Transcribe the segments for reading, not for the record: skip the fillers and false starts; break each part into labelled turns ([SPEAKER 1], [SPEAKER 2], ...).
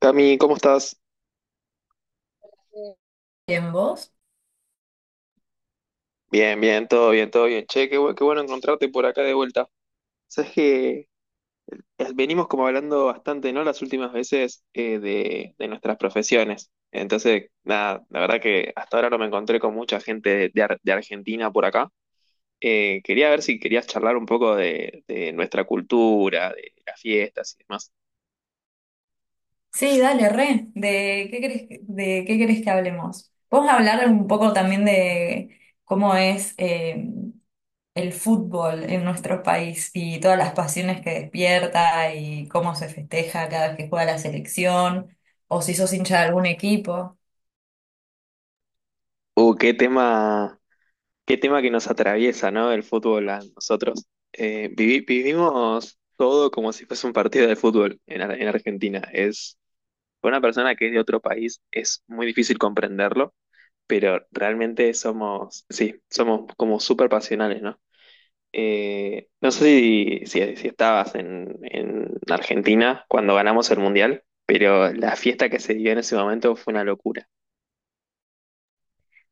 [SPEAKER 1] Cami, ¿cómo estás?
[SPEAKER 2] Bien, vos.
[SPEAKER 1] Bien, bien, todo bien, todo bien. Che, qué bueno encontrarte por acá de vuelta. Sabes que venimos como hablando bastante, ¿no? Las últimas veces de nuestras profesiones. Entonces, nada, la verdad que hasta ahora no me encontré con mucha gente de de Argentina por acá. Quería ver si querías charlar un poco de nuestra cultura, de las fiestas y demás.
[SPEAKER 2] Sí, dale, re. ¿De qué querés, de qué querés que hablemos? Vamos a hablar un poco también de cómo es el fútbol en nuestro país y todas las pasiones que despierta y cómo se festeja cada vez que juega la selección o si sos hincha de algún equipo.
[SPEAKER 1] Uh, qué tema, Qué tema que nos atraviesa, ¿no? El fútbol a nosotros. Vivimos todo como si fuese un partido de fútbol en, en Argentina. Para una persona que es de otro país es muy difícil comprenderlo, pero realmente somos, sí, somos como súper pasionales, ¿no? No sé si estabas en Argentina cuando ganamos el Mundial, pero la fiesta que se dio en ese momento fue una locura.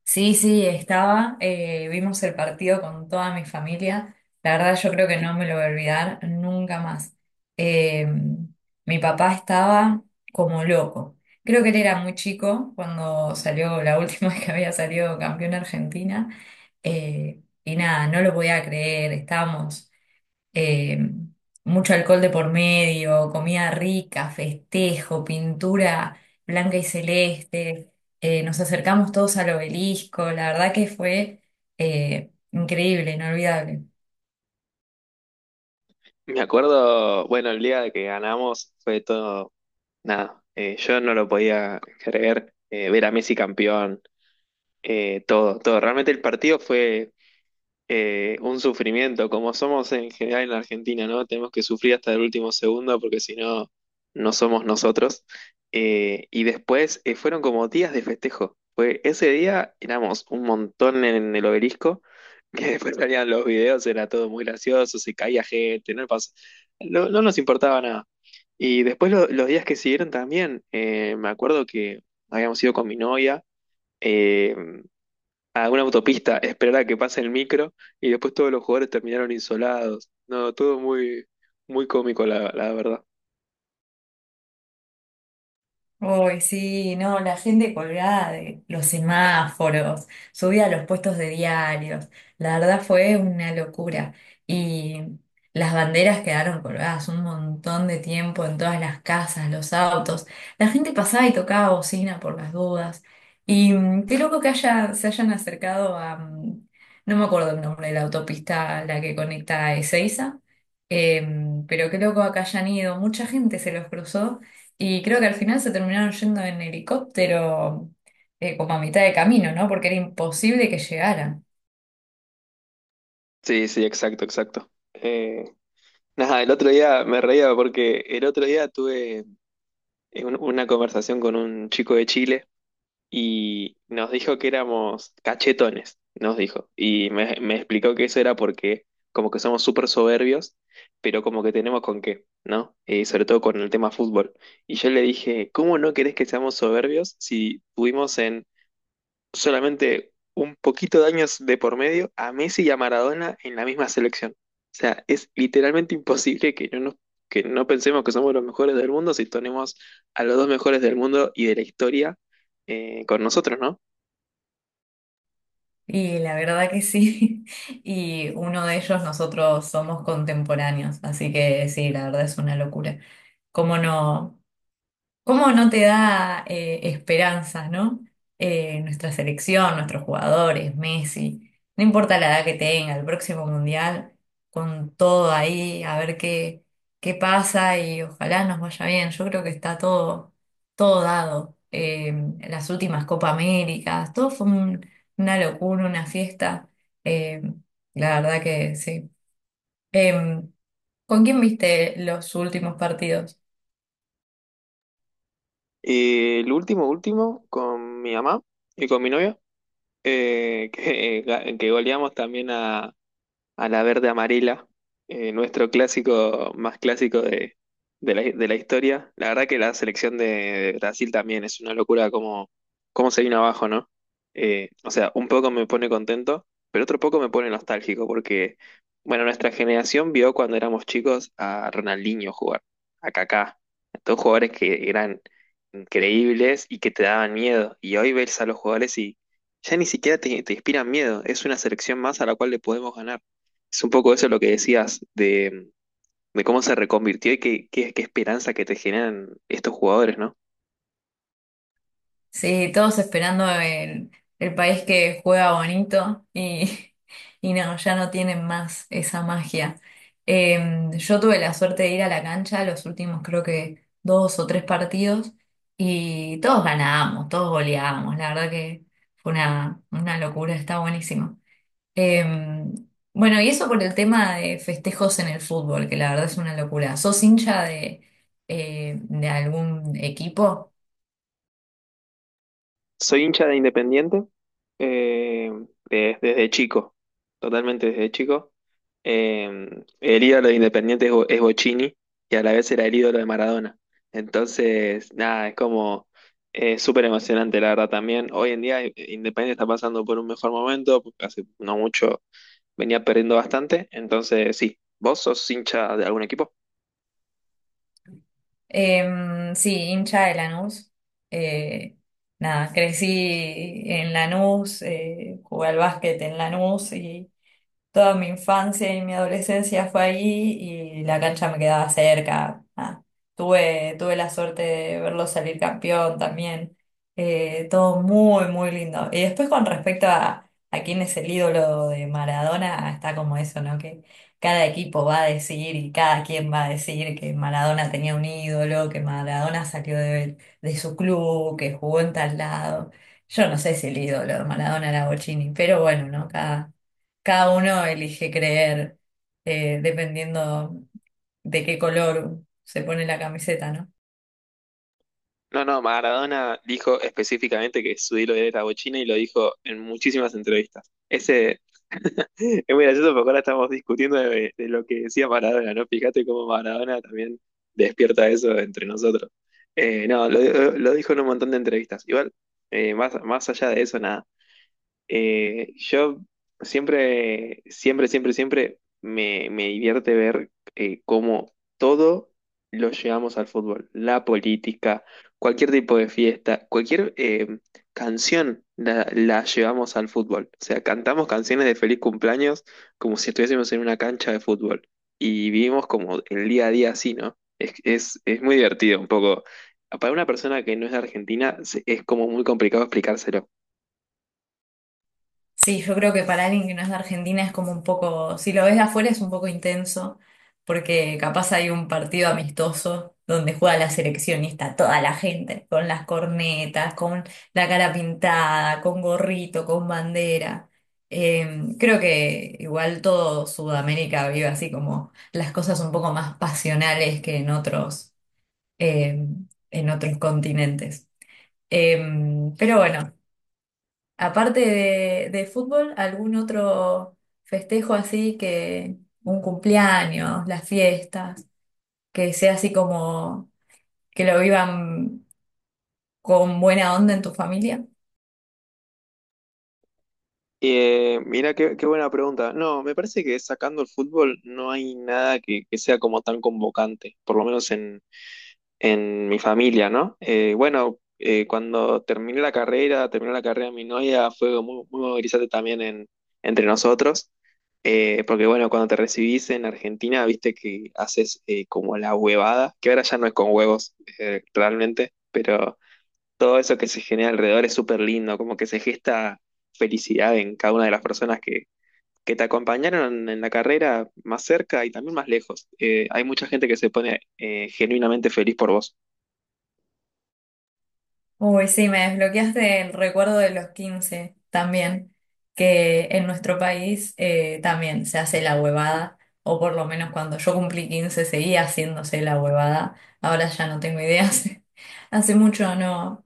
[SPEAKER 2] Sí, sí, estaba. Vimos el partido con toda mi familia. La verdad, yo creo que no me lo voy a olvidar nunca más. Eh, Mi papá estaba como loco. Creo que él era muy chico cuando salió la última vez que había salido campeón Argentina. Y nada, no lo podía creer. Estábamos, eh, mucho alcohol de por medio, comida rica, festejo, pintura blanca y celeste. Nos acercamos todos al obelisco, la verdad que fue increíble, inolvidable.
[SPEAKER 1] Me acuerdo, bueno, el día que ganamos fue todo nada, yo no lo podía creer, ver a Messi campeón, todo. Realmente el partido fue, un sufrimiento, como somos en general en la Argentina, ¿no? Tenemos que sufrir hasta el último segundo porque si no, no somos nosotros. Y después fueron como días de festejo. Fue, ese día éramos un montón en el obelisco, que después salían los videos, era todo muy gracioso, se caía gente, no, no nos importaba nada. Y después los días que siguieron también, me acuerdo que habíamos ido con mi novia. eh, a una autopista, esperar a que pase el micro y después todos los jugadores terminaron insolados. No, todo muy, muy cómico, la verdad.
[SPEAKER 2] Uy, sí, no, la gente colgada de los semáforos, subida a los puestos de diarios, la verdad fue una locura. Y las banderas quedaron colgadas un montón de tiempo en todas las casas, los autos. La gente pasaba y tocaba bocina por las dudas. Y qué loco que se hayan acercado a, no me acuerdo el nombre de la autopista, la que conecta a Ezeiza. Pero qué loco acá hayan ido, mucha gente se los cruzó. Y creo que al final se terminaron yendo en helicóptero como a mitad de camino, ¿no? Porque era imposible que llegaran.
[SPEAKER 1] Sí, sí, exacto, exacto. Nada, el otro día me reía porque el otro día tuve una conversación con un chico de Chile. Y nos dijo que éramos cachetones, nos dijo. Me explicó que eso era porque como que somos súper soberbios, pero como que tenemos con qué, ¿no? Sobre todo con el tema fútbol. Y yo le dije, ¿cómo no querés que seamos soberbios si tuvimos en solamente un poquito de años de por medio a Messi y a Maradona en la misma selección? O sea, es literalmente imposible que no pensemos que somos los mejores del mundo si tenemos a los dos mejores del mundo y de la historia con nosotros, ¿no?
[SPEAKER 2] Y la verdad que sí. Y uno de ellos nosotros somos contemporáneos, así que sí, la verdad es una locura. ¿Cómo no? ¿Cómo no te da esperanza, ¿no? Nuestra selección, nuestros jugadores, Messi, no importa la edad que tenga, el próximo mundial, con todo ahí, a ver qué pasa y ojalá nos vaya bien. Yo creo que está todo dado. Las últimas Copa Américas, todo fue una locura, una fiesta. Eh, la verdad que sí. Em, ¿Con quién viste los últimos partidos?
[SPEAKER 1] Último, con mi mamá y con mi novia, que goleamos también a la verde amarela, nuestro clásico más clásico de, de la historia. La verdad que la selección de Brasil también es una locura cómo se vino abajo, ¿no? O sea, un poco me pone contento, pero otro poco me pone nostálgico porque, bueno, nuestra generación vio cuando éramos chicos a Ronaldinho jugar, a Kaká, a todos jugadores que eran increíbles y que te daban miedo. Y hoy ves a los jugadores y ya ni siquiera te inspiran miedo. Es una selección más a la cual le podemos ganar. Es un poco eso lo que decías de cómo se reconvirtió y qué esperanza que te generan estos jugadores, ¿no?
[SPEAKER 2] Sí, todos esperando el país que juega bonito y, y no, ya no tienen más esa magia. Yo tuve la suerte de ir a la cancha los últimos creo que 2 o 3 partidos y todos ganábamos, todos goleábamos. La verdad que fue una locura, está buenísimo. Eh, bueno, y eso por el tema de festejos en el fútbol, que la verdad es una locura. ¿Sos hincha de algún equipo?
[SPEAKER 1] Soy hincha de Independiente eh, desde chico, totalmente desde chico. Eh, el ídolo de Independiente es Bochini y a la vez era el ídolo de Maradona. Entonces, nada, es como súper emocionante, la verdad también. Hoy en día Independiente está pasando por un mejor momento, porque hace no mucho venía perdiendo bastante. Entonces, sí, ¿vos sos hincha de algún equipo?
[SPEAKER 2] Em, sí, hincha de Lanús. Eh, Nada, crecí en Lanús, jugué al básquet en Lanús y, toda mi infancia y mi adolescencia fue allí y la cancha me quedaba cerca. Ah, tuve la suerte de verlo salir campeón también. Todo muy, muy lindo. Y después con respecto a quién es el ídolo de Maradona, está como eso, ¿no? Que cada equipo va a decir y cada quien va a decir que Maradona tenía un ídolo, que Maradona salió de su club, que jugó en tal lado. Yo no sé si el ídolo de Maradona era Bochini, pero bueno, ¿no? Cada uno elige creer dependiendo de qué color se pone la camiseta, ¿no?
[SPEAKER 1] No, no, Maradona dijo específicamente que su ídolo era bochina y lo dijo en muchísimas entrevistas. Ese es muy gracioso porque ahora estamos discutiendo de lo que decía Maradona, ¿no? Fíjate cómo Maradona también despierta eso entre nosotros. No, lo dijo en un montón de entrevistas. Igual, más allá de eso, nada. Yo siempre me divierte ver cómo todo lo llevamos al fútbol. La política, cualquier tipo de fiesta, cualquier canción la llevamos al fútbol. O sea, cantamos canciones de feliz cumpleaños como si estuviésemos en una cancha de fútbol. Y vivimos como el día a día así, ¿no? Es muy divertido un poco. Para una persona que no es de Argentina es como muy complicado explicárselo.
[SPEAKER 2] Sí, yo creo que para alguien que no es de Argentina es como un poco, si lo ves de afuera es un poco intenso, porque capaz hay un partido amistoso donde juega la selección y está toda la gente, con las cornetas, con la cara pintada, con gorrito, con bandera. Em, creo que igual todo Sudamérica vive así como las cosas un poco más pasionales que eh, en otros continentes. Eh, pero bueno, aparte de fútbol, ¿algún otro festejo así que un cumpleaños, las fiestas, que sea así como que lo vivan con buena onda en tu familia?
[SPEAKER 1] Qué buena pregunta. No, me parece que sacando el fútbol no hay nada que sea como tan convocante, por lo menos en mi familia, ¿no? Bueno, cuando terminé la carrera, terminó la carrera mi novia, fue muy, muy movilizante también en, entre nosotros, porque bueno, cuando te recibís en Argentina, viste que haces como la huevada, que ahora ya no es con huevos realmente, pero todo eso que se genera alrededor es súper lindo, como que se gesta felicidad en cada una de las personas que te acompañaron en la carrera más cerca y también más lejos. Hay mucha gente que se pone genuinamente feliz por vos.
[SPEAKER 2] Uy, sí, me desbloqueaste el recuerdo de los 15 también, que en nuestro país también se hace la huevada, o por lo menos cuando yo cumplí 15 seguía haciéndose la huevada, ahora ya no tengo ideas, hace mucho no,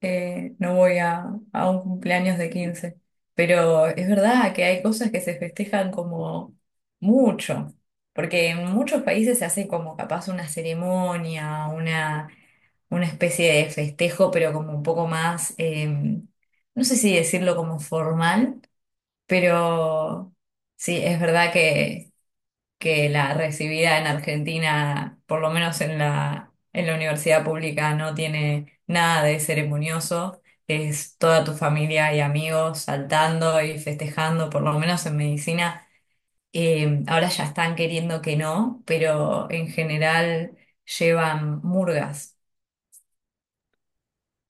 [SPEAKER 2] no voy a un cumpleaños de 15. Pero es verdad que hay cosas que se festejan como mucho, porque en muchos países se hace como capaz una ceremonia, una especie de festejo, pero como un poco más, no sé si decirlo como formal, pero sí, es verdad que la recibida en Argentina, por lo menos en en la universidad pública, no tiene nada de ceremonioso. Es toda tu familia y amigos saltando y festejando, por lo menos en medicina. Ahora ya están queriendo que no, pero en general llevan murgas.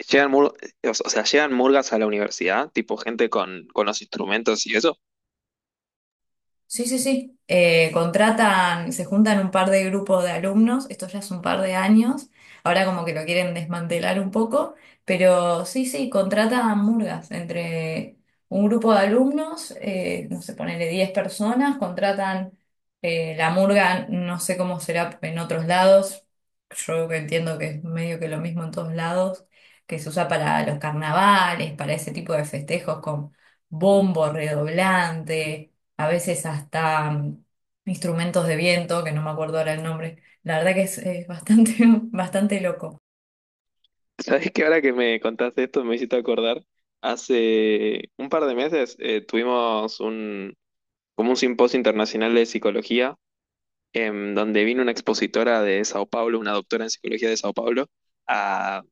[SPEAKER 1] Llegan mur- o sea, llegan murgas a la universidad, tipo gente con los instrumentos y eso.
[SPEAKER 2] Sí, sí, sí. Contratan, se juntan un par de grupos de alumnos, esto ya es un par de años, ahora como que lo quieren desmantelar un poco, pero sí, sí, contratan murgas entre un grupo de alumnos, no sé, ponele 10 personas, contratan la murga, no sé cómo será en otros lados, yo entiendo que es medio que lo mismo en todos lados, que se usa para los carnavales, para ese tipo de festejos con bombo redoblante a veces hasta instrumentos de viento, que no me acuerdo ahora el nombre. La verdad que es bastante, bastante loco.
[SPEAKER 1] ¿Sabés que ahora que me contaste esto me hiciste acordar? Hace un par de meses tuvimos como un simposio internacional de psicología em, donde vino una expositora de Sao Paulo, una doctora en psicología de Sao Paulo, a,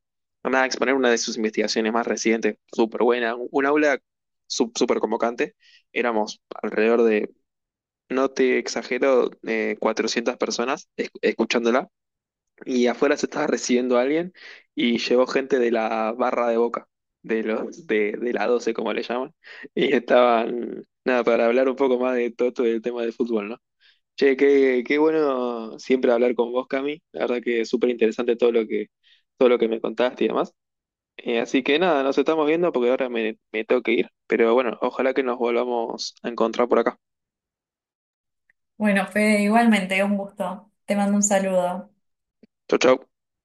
[SPEAKER 1] nada, a exponer una de sus investigaciones más recientes, súper buena, un aula súper convocante. Éramos alrededor de, no te exagero, 400 personas escuchándola, y afuera se estaba recibiendo a alguien y llegó gente de la barra de Boca. De la doce como le llaman, y estaban, nada, para hablar un poco más de todo, todo el tema de fútbol, ¿no? Che, qué bueno siempre hablar con vos, Cami. La verdad que es súper interesante todo lo que me contaste y demás. Así que nada, nos estamos viendo porque ahora me tengo que ir. Pero bueno, ojalá que nos volvamos a encontrar por acá.
[SPEAKER 2] Bueno, Fede, igualmente, un gusto. Te mando un saludo.
[SPEAKER 1] Chau, chau.